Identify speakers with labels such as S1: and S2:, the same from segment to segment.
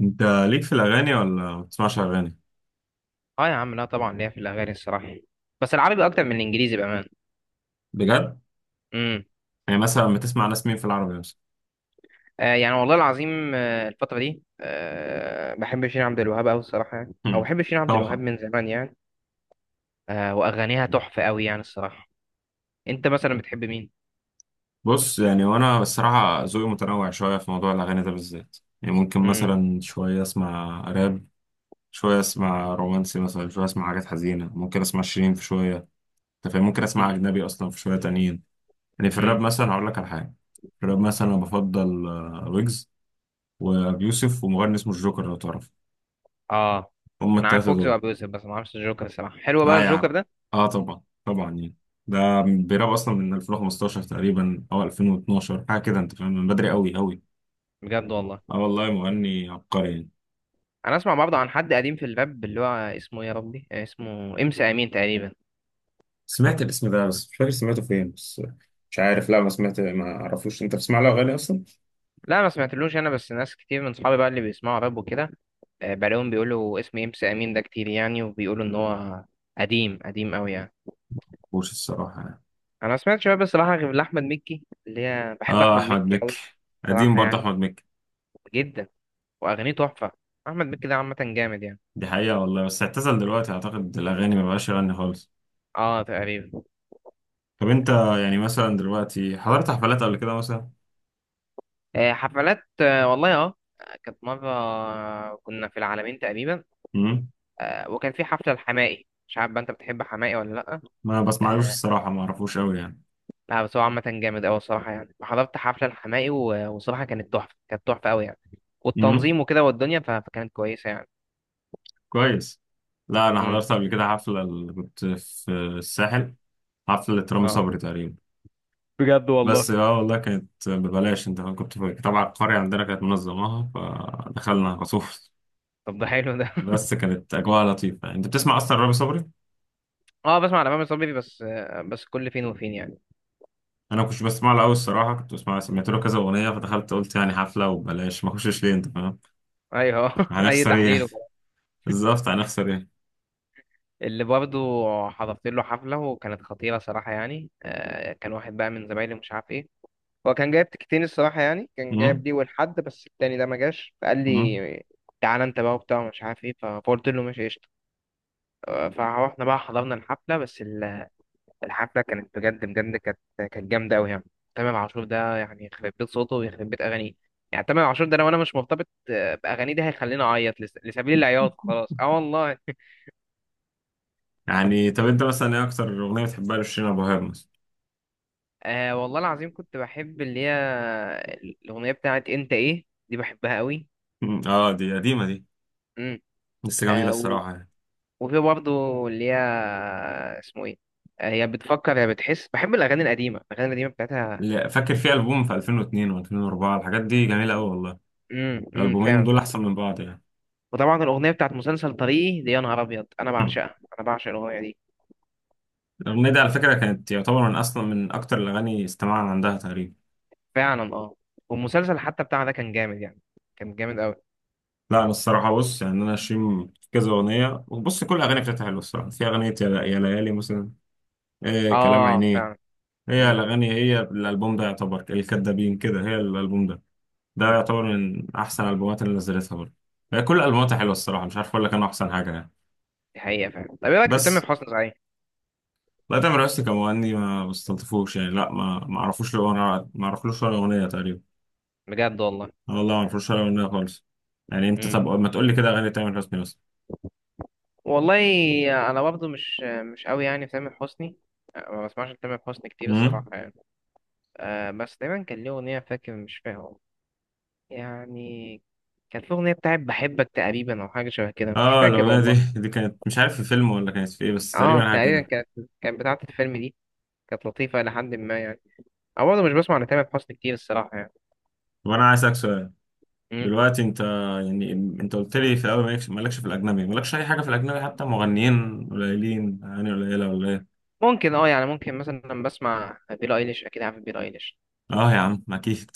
S1: انت، ليك في الاغاني ولا ما بتسمعش اغاني؟
S2: اه، يا عم، لا طبعا ليا في الاغاني الصراحه. بس العربي اكتر من الانجليزي بامان.
S1: بجد.
S2: امم.
S1: يعني مثلا بتسمع ناس مين في العربي مثلا؟
S2: يعني والله العظيم، الفتره دي بحب شيرين عبد الوهاب قوي الصراحه، يعني او
S1: هم.
S2: بحب شيرين عبد الوهاب
S1: طبعا.
S2: من زمان يعني. واغانيها تحفه قوي يعني الصراحه. انت مثلا بتحب مين؟
S1: بص، يعني وانا الصراحه ذوقي متنوع شويه في موضوع الاغاني ده بالذات، يعني ممكن
S2: امم.
S1: مثلا شويه اسمع راب، شويه اسمع رومانسي، مثلا شويه اسمع حاجات حزينه، ممكن اسمع شيرين في شويه. انت فاهم، ممكن اسمع
S2: امم.
S1: اجنبي اصلا في شويه تانيين. يعني في الراب
S2: امم.
S1: مثلا هقول لك على حاجه. في الراب مثلا انا بفضل ويجز وابي يوسف ومغني اسمه الجوكر لو تعرف.
S2: اه،
S1: هما
S2: انا عارف
S1: التلاته
S2: ويجز
S1: دول.
S2: وابو يوسف، بس ما اعرفش الجوكر الصراحه. حلو بقى
S1: لا يعني.
S2: الجوكر ده؟
S1: اه طبعا طبعا يعني. ده بيراب اصلا من 2015 تقريبا او 2012 حاجه كده، انت فاهم، من بدري قوي قوي.
S2: بجد والله؟
S1: اه والله مغني عبقري يعني.
S2: انا اسمع برضه عن حد قديم في الراب، اللي هو اسمه إيه يا ربي، اسمه امس امين تقريبا.
S1: سمعت الاسم ده بس مش فاكر سمعته فين بس. مش عارف، لا ما سمعت، ما اعرفوش. انت بتسمع له اغاني اصلا؟
S2: لا ما سمعتلوش انا، بس ناس كتير من صحابي بقى اللي بيسمعوا راب وكده، بلاقيهم بيقولوا اسم إمس أمين ده كتير، يعني وبيقولوا إن هو قديم قديم أوي يعني.
S1: مش الصراحه يعني.
S2: أنا ما سمعتش بقى بصراحة غير لأحمد مكي، اللي هي بحب
S1: اه،
S2: أحمد
S1: احمد
S2: مكي
S1: مكي.
S2: أوي
S1: قديم
S2: بصراحة
S1: برضه
S2: يعني،
S1: احمد مكي.
S2: جدا. وأغانيه تحفة. أحمد مكي ده عامة جامد يعني.
S1: دي حقيقه والله، بس اعتزل دلوقتي اعتقد الاغاني، ما بقاش يغني خالص.
S2: أه تقريبا.
S1: طب انت، يعني مثلا دلوقتي حضرت حفلات قبل كده مثلا؟
S2: حفلات، والله أه. كانت مرة كنا في العالمين تقريبا.
S1: امم.
S2: وكان في حفلة الحماقي، مش عارف بقى أنت بتحب حماقي ولا لأ.
S1: ما بسمعلوش
S2: آه،
S1: الصراحه، ما اعرفوش قوي.
S2: لا، بس هو عامة جامد أوي الصراحة يعني، حضرت حفلة الحماقي وصراحة كانت تحفة، كانت تحفة أوي يعني.
S1: يعني
S2: والتنظيم وكده والدنيا، فكانت كويسة يعني.
S1: كويس. لا انا
S2: امم.
S1: حضرت قبل كده حفله كنت في الساحل. حفله رامي
S2: اه.
S1: صبري تقريبا.
S2: بجد والله؟
S1: بس اه والله كانت ببلاش، انت فاهم؟ كنت طبعا القريه عندنا كانت منظماها فدخلنا خصوص.
S2: طب ده حلو ده.
S1: بس كانت اجواء لطيفه. انت بتسمع اصلا رامي صبري؟
S2: اه، بسمع على مامي صبري بس، بس كل فين وفين يعني.
S1: انا كنت بسمع له قوي الصراحه، كنت بسمع سمعت له كذا اغنيه فدخلت قلت يعني حفله وببلاش، ما اخشش ليه، انت فاهم؟
S2: ايوه، اي
S1: هنخسر ايه يعني؟
S2: تحليل وكده.
S1: بالظبط هنخسر ايه.
S2: اللي برضه حضرت له حفله وكانت خطيره صراحه يعني. كان واحد بقى من زمايلي مش عارف ايه، هو كان جايب تكتين الصراحه يعني، كان جايب
S1: امم،
S2: لي والحد بس التاني ده ما جاش، فقال
S1: امم.
S2: لي تعالى انت بقى وبتاع مش عارف ايه، فقلت له ماشي قشطة. فاحنا بقى حضرنا الحفلة، بس الحفلة كانت بجد بجد، كانت جامدة أوي يعني. تامر عاشور ده يعني يخرب بيت صوته ويخرب بيت أغانيه، يعني تامر عاشور ده لو أنا مش مرتبط، بأغانيه دي هيخليني أعيط لسبيل العياط خلاص، أه والله.
S1: يعني طب انت مثلا ايه اكتر اغنيه بتحبها لشيرين ابو وهاب مثلا؟
S2: والله العظيم كنت بحب اللي هي الأغنية بتاعت أنت إيه، دي بحبها أوي.
S1: مم. اه دي قديمه دي.
S2: امم.
S1: بس جميله
S2: آه و-
S1: الصراحه يعني.
S2: وفي برضه اللي هي اسمه إيه، يا بتفكر يا بتحس، بحب الأغاني القديمة، الأغاني القديمة بتاعتها.
S1: لا، فاكر في ألبوم في 2002 و2004، الحاجات دي جميلة أوي والله.
S2: امم.
S1: الألبومين
S2: فعلا.
S1: دول أحسن من بعض يعني.
S2: وطبعا الاغنيه بتاعت مسلسل طريقي دي، يا نهار ابيض انا بعشقها، انا بعشق الاغنيه دي.
S1: الأغنية دي على فكرة كانت يعتبر من أصلا من أكتر الأغاني استماعا عندها تقريبا.
S2: فعلا اه. والمسلسل حتى بتاعها ده كان جامد يعني، كان جامد قوي.
S1: لا أنا الصراحة، بص يعني أنا شيم كذا أغنية وبص، كل الأغاني بتاعتها حلوة الصراحة. في أغنية يا يا ليالي مثلا، إيه كلام
S2: اه
S1: عينيه.
S2: فعلا.
S1: هي
S2: امم.
S1: الأغاني، هي الألبوم ده يعتبر الكدابين كده، هي الألبوم ده ده
S2: امم،
S1: يعتبر من أحسن الألبومات اللي نزلتها برضه. هي كل ألبوماتها حلوة الصراحة، مش عارف أقول لك أنا أحسن حاجة يعني.
S2: دي حقيقه فعلا. طب ايه رايك في تامر
S1: بس
S2: حسني صحيح؟
S1: لا، تامر حسني كمغني ما بستلطفوش يعني، لا ما اعرفوش له، انا ما اعرفلوش ولا اغنيه تقريبا.
S2: بجد والله؟
S1: أنا والله ما اعرفلوش ولا اغنيه خالص. يعني انت
S2: امم.
S1: طب ما تقول لي كده اغاني تامر حسني بس.
S2: والله انا برضه مش قوي يعني في تامر حسني، ما بسمعش تامر حسني كتير
S1: امم.
S2: الصراحه يعني. بس دايما كان ليه اغنيه فاكر، مش فاهم يعني. كانت في اغنيه بتاعت بحبك تقريبا او حاجه شبه كده، مش
S1: اه
S2: فاكر
S1: الاغنيه
S2: والله.
S1: دي كانت، مش عارف في فيلم ولا كانت في ايه، بس
S2: اه
S1: تقريبا حاجه
S2: تقريبا،
S1: كده.
S2: كانت بتاعت الفيلم دي. كانت لطيفة إلى حد ما يعني. أو برضه مش بسمع لتامر حسني كتير الصراحة يعني.
S1: طب انا عايز اسالك سؤال.
S2: مم.
S1: دلوقتي انت، يعني انت قلت لي في الاول مالكش في الاجنبي، مالكش اي حاجه في الاجنبي حتى، مغنيين قليلين اغاني قليله ولا ايه؟
S2: ممكن أه يعني، ممكن مثلا لما بسمع بيلي أيليش، أكيد عارف بيلي أيليش.
S1: اه يا عم اكيد.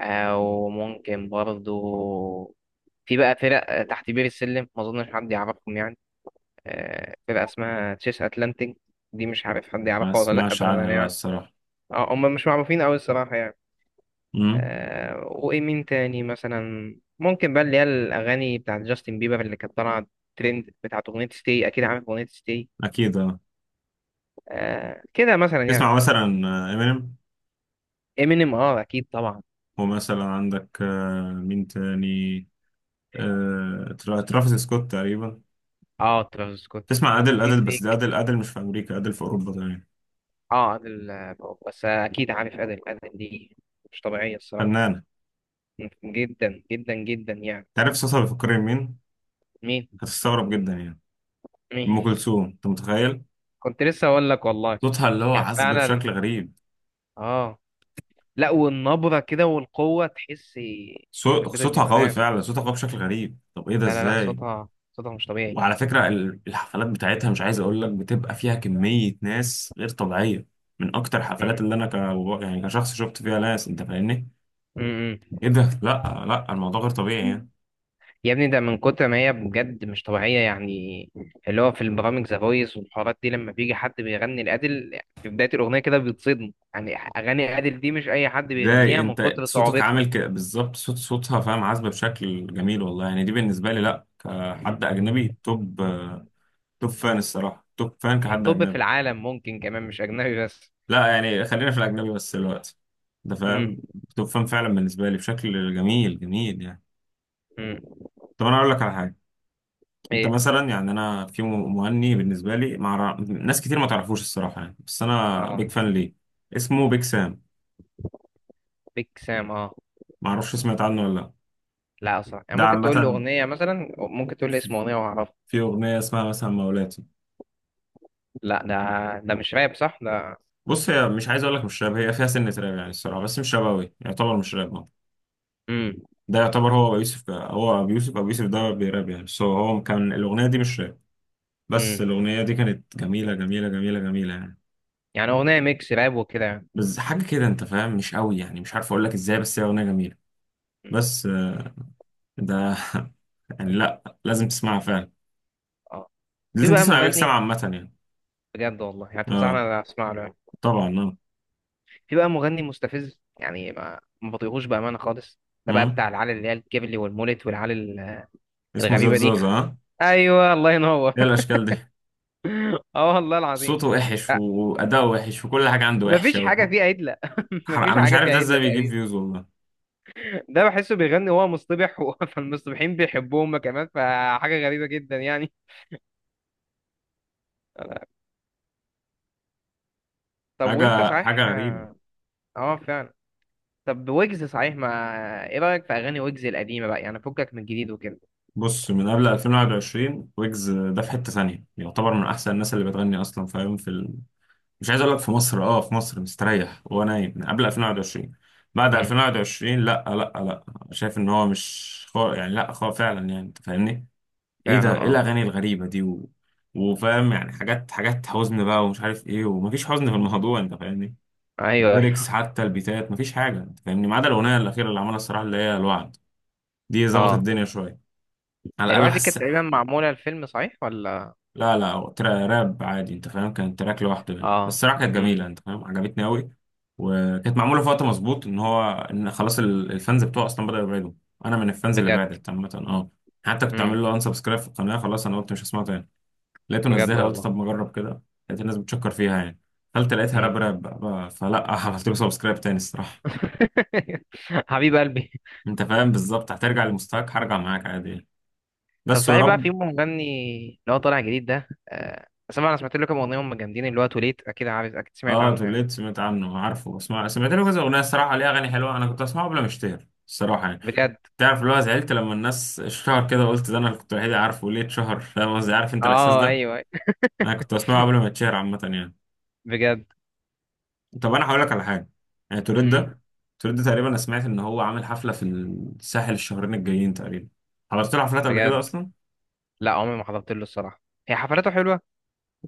S2: أو ممكن برضه في بقى فرق تحت بير السلم، ما أظنش حد يعرفهم يعني. فرقة اسمها تشيس أتلانتيك، دي مش عارف حد
S1: ما
S2: يعرفها ولا لأ
S1: اسمعش عنها
S2: بأمانة
S1: لا
S2: يعني.
S1: الصراحه.
S2: أه هم مش معروفين أوي الصراحة يعني.
S1: امم.
S2: أه، وإيه مين تاني مثلا؟ ممكن بقى اللي هي الأغاني بتاعت جاستن بيبر اللي كانت طالعة ترند، بتاعت أغنية ستي، أكيد عارف أغنية ستي.
S1: اكيد اه.
S2: آه كده مثلا يعني.
S1: تسمع مثلا امينيم.
S2: امينيم اه، اكيد طبعا.
S1: ومثلا عندك مين تاني؟ ترافيس سكوت تقريبا.
S2: اه ترافيس سكوت.
S1: تسمع أدل.
S2: وفي
S1: أدل بس ده،
S2: دريك.
S1: أدل أدل مش في أمريكا، أدل في أوروبا تقريبا.
S2: اه ادل، بس اكيد عارف ادل، ادل دي مش طبيعيه الصراحه،
S1: فنانة.
S2: جدا جدا جدا يعني.
S1: تعرف صوتها بيفكرني بمين؟
S2: مين؟
S1: هتستغرب جدا يعني. أم
S2: مين؟
S1: كلثوم أنت متخيل؟
S2: كنت لسه اقول لك والله.
S1: صوتها اللي هو
S2: يعني
S1: عذب
S2: فعلا
S1: بشكل غريب.
S2: اه. لا، والنبره كده والقوه تحس في بيت
S1: صوتها قوي
S2: الجمدان.
S1: فعلا، صوتها قوي بشكل غريب. طب إيه ده
S2: لا لا لا،
S1: إزاي؟
S2: صوتها مش طبيعي.
S1: وعلى فكرة الحفلات بتاعتها، مش عايز أقول لك، بتبقى فيها كمية ناس غير طبيعية. من أكتر الحفلات اللي أنا ك... يعني كشخص شفت فيها ناس، أنت فاهمني؟
S2: امم.
S1: ايه ده، لا لا الموضوع غير طبيعي يعني.
S2: يا ابني ده من كتر ما هي بجد مش طبيعية يعني، اللي هو في البرامج ذا فويس والحوارات دي، لما بيجي حد بيغني لأديل في بداية الأغنية كده بيتصدم، يعني أغاني أديل دي مش أي حد
S1: ازاي
S2: بيغنيها من
S1: انت
S2: كتر
S1: صوتك
S2: صعوبتها.
S1: عامل ك... بالظبط صوت صوتها، فاهم، عازبه بشكل جميل والله يعني. دي بالنسبه لي، لا، كحد اجنبي، توب توب فان الصراحه، توب فان
S2: يعني
S1: كحد
S2: توب في
S1: اجنبي.
S2: العالم ممكن، كمان مش أجنبي بس.
S1: لا يعني خلينا في الاجنبي بس دلوقتي، ده
S2: مم.
S1: فاهم. توب فان فعلا بالنسبه لي، بشكل جميل جميل يعني.
S2: مم.
S1: طب انا اقول لك على حاجه. انت
S2: إيه؟
S1: مثلا، يعني انا في مغني بالنسبه لي مع ناس كتير ما تعرفوش الصراحه يعني، بس انا
S2: أه.
S1: بيج فان ليه. اسمه بيج سام.
S2: بيج سام أه.
S1: ما اعرفش، سمعت عنه ولا لا؟
S2: لا أصلا، يعني
S1: ده
S2: ممكن تقول لي
S1: عامة
S2: أغنية مثلا، ممكن تقول لي اسم أغنية وأعرفها.
S1: في أغنية اسمها مثلا مولاتي.
S2: لا، ده مش راب صح ده؟
S1: بص هي مش، عايز أقول لك مش راب، هي فيها سنة راب يعني الصراحة، بس مش راب أوي، يعتبر مش راب أه.
S2: مم.
S1: ده يعتبر هو أبو يوسف، هو أبو يوسف، أبو يوسف ده بيراب يعني، سو هو كان الأغنية دي مش راب، بس
S2: مم.
S1: الأغنية دي كانت جميلة جميلة جميلة جميلة يعني.
S2: يعني أغنية ميكس راب وكده يعني.
S1: بس حاجة كده أنت فاهم، مش أوي يعني، مش عارف أقول لك إزاي، بس هي أغنية جميلة.
S2: مم.
S1: بس ده يعني لأ لازم تسمعها فعلا.
S2: أه. في
S1: لازم
S2: بقى
S1: تسمع بيك، سمع
S2: مغني،
S1: عامة يعني.
S2: بجد والله يعني تنصحني
S1: أه
S2: انا اسمع له يعني.
S1: طبعا أه.
S2: في بقى مغني مستفز يعني، ما بطيقوش بامانه خالص. ده بقى
S1: مم.
S2: بتاع العلى، اللي هي الكيبلي والمولت والعلى
S1: اسمه زاد
S2: الغريبه دي.
S1: زازا
S2: ايوه الله ينور.
S1: إيه الأشكال دي.
S2: اه والله العظيم.
S1: صوته وحش
S2: أه،
S1: وأداؤه وحش وكل حاجة عنده
S2: مفيش
S1: وحشة و...
S2: حاجه فيها عدله، مفيش
S1: أنا مش
S2: حاجه
S1: عارف
S2: فيها
S1: ده
S2: عدله
S1: إزاي بيجيب
S2: تقريبا.
S1: فيوز والله.
S2: ده بحسه بيغني وهو مصطبح فالمصطبحين بيحبوه هما كمان، فحاجه غريبه جدا يعني. طب وانت
S1: حاجة
S2: صحيح
S1: حاجة غريبة.
S2: اه، فعلا. طب ويجز صحيح، ما ايه رايك في اغاني ويجز القديمه بقى، يعني فكك من الجديد وكده.
S1: بص من قبل 2021 ويجز ده في حتة ثانية، يعتبر من أحسن الناس اللي بتغني أصلا فاهم في ال... مش عايز أقول لك في مصر، أه في مصر مستريح وهو نايم من قبل 2021. بعد
S2: امم
S1: 2021 لأ لأ لأ. شايف إن هو مش خو... يعني لأ خو فعلا يعني، أنت فاهمني؟ إيه
S2: فعلا.
S1: ده، إيه
S2: اه.
S1: الأغاني الغريبة دي و... وفاهم يعني، حاجات حاجات حزن بقى ومش عارف إيه، ومفيش حزن في الموضوع أنت فاهمني.
S2: ايوه
S1: ليركس
S2: ايوه.
S1: حتى البيتات مفيش حاجه انت فاهمني، ما عدا الاغنيه الاخيره اللي عملها الصراحه اللي هي الوعد. دي ظبطت
S2: اه.
S1: الدنيا شويه، على الاقل
S2: الواحد دي
S1: حس.
S2: كانت تقريبا معمولة الفيلم صحيح ولا؟
S1: لا لا، هو ترا راب عادي انت فاهم، كان تراك لوحده يعني بس
S2: اه.
S1: الصراحه كانت جميله
S2: امم.
S1: انت فاهم، عجبتني قوي. وكانت معموله في وقت مظبوط، ان هو ان خلاص الفانز بتوعه اصلا بداوا يبعدوا. انا من الفانز اللي
S2: بجد.
S1: بعدت عامه حتى كنت
S2: امم.
S1: عامل له ان سبسكرايب في القناه، خلاص انا قلت مش هسمعه تاني. لقيته
S2: بجد
S1: نزلها، قلت
S2: والله.
S1: طب ما اجرب كده. لقيت الناس بتشكر فيها يعني. قلت لقيتها
S2: امم.
S1: راب راب بقى. فلا عملت له سبسكرايب تاني الصراحه.
S2: حبيب قلبي.
S1: انت فاهم، بالظبط هترجع لمستواك هرجع معاك عادي يعني.
S2: طب
S1: بس يا
S2: صحيح بقى، في
S1: رب.
S2: مغني اللي هو طالع جديد ده، سمع انا سمعت له كام اغنيه، هم جامدين، اللي هو توليت، اكيد عارف، اكيد سمعت
S1: اه
S2: عنه يعني.
S1: توليت سمعت عنه عارفه، اسمع سمعت له كذا اغنيه الصراحه ليه اغاني حلوه، انا كنت اسمعه قبل ما اشتهر الصراحه يعني.
S2: بجد؟
S1: تعرف اللي هو زعلت لما الناس اشتهر كده، قلت ده انا اللي كنت الوحيد اللي عارفه ليه اتشهر، فاهم قصدي، عارف انت الاحساس
S2: اه
S1: ده؟
S2: ايوه أيوه.
S1: انا كنت اسمعه قبل ما اتشهر عامه يعني.
S2: بجد.
S1: طب انا هقول لك على حاجه. يعني توليت
S2: امم.
S1: ده، توليت ده تقريبا انا سمعت ان هو عامل حفله في الساحل الشهرين الجايين تقريبا. حضرت له حفلات قبل كده
S2: بجد.
S1: اصلا؟
S2: لا عمري ما حضرت له الصراحه. هي حفلاته حلوه؟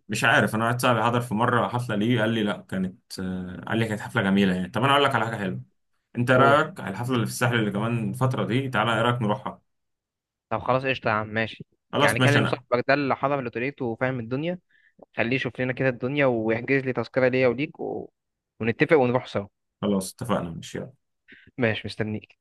S1: مش عارف، انا واحد صاحبي حضر في مره حفله ليه، قال لي لا كانت قال لي كانت حفله جميله يعني. طب انا اقول لك على حاجه حلوه. انت إيه
S2: قول.
S1: رايك على الحفله اللي في الساحل اللي كمان الفتره دي؟ تعالى ايه رايك نروحها؟
S2: طب خلاص قشطه يا عم ماشي.
S1: خلاص
S2: يعني
S1: ماشي
S2: كلم
S1: انا.
S2: صاحبك ده اللي حضر لتوليت وفاهم الدنيا، خليه يشوف لنا كده الدنيا ويحجز لي تذكرة ليا وليك ونتفق ونروح سوا.
S1: خلاص اتفقنا ماشي يلا.
S2: ماشي، مستنيك.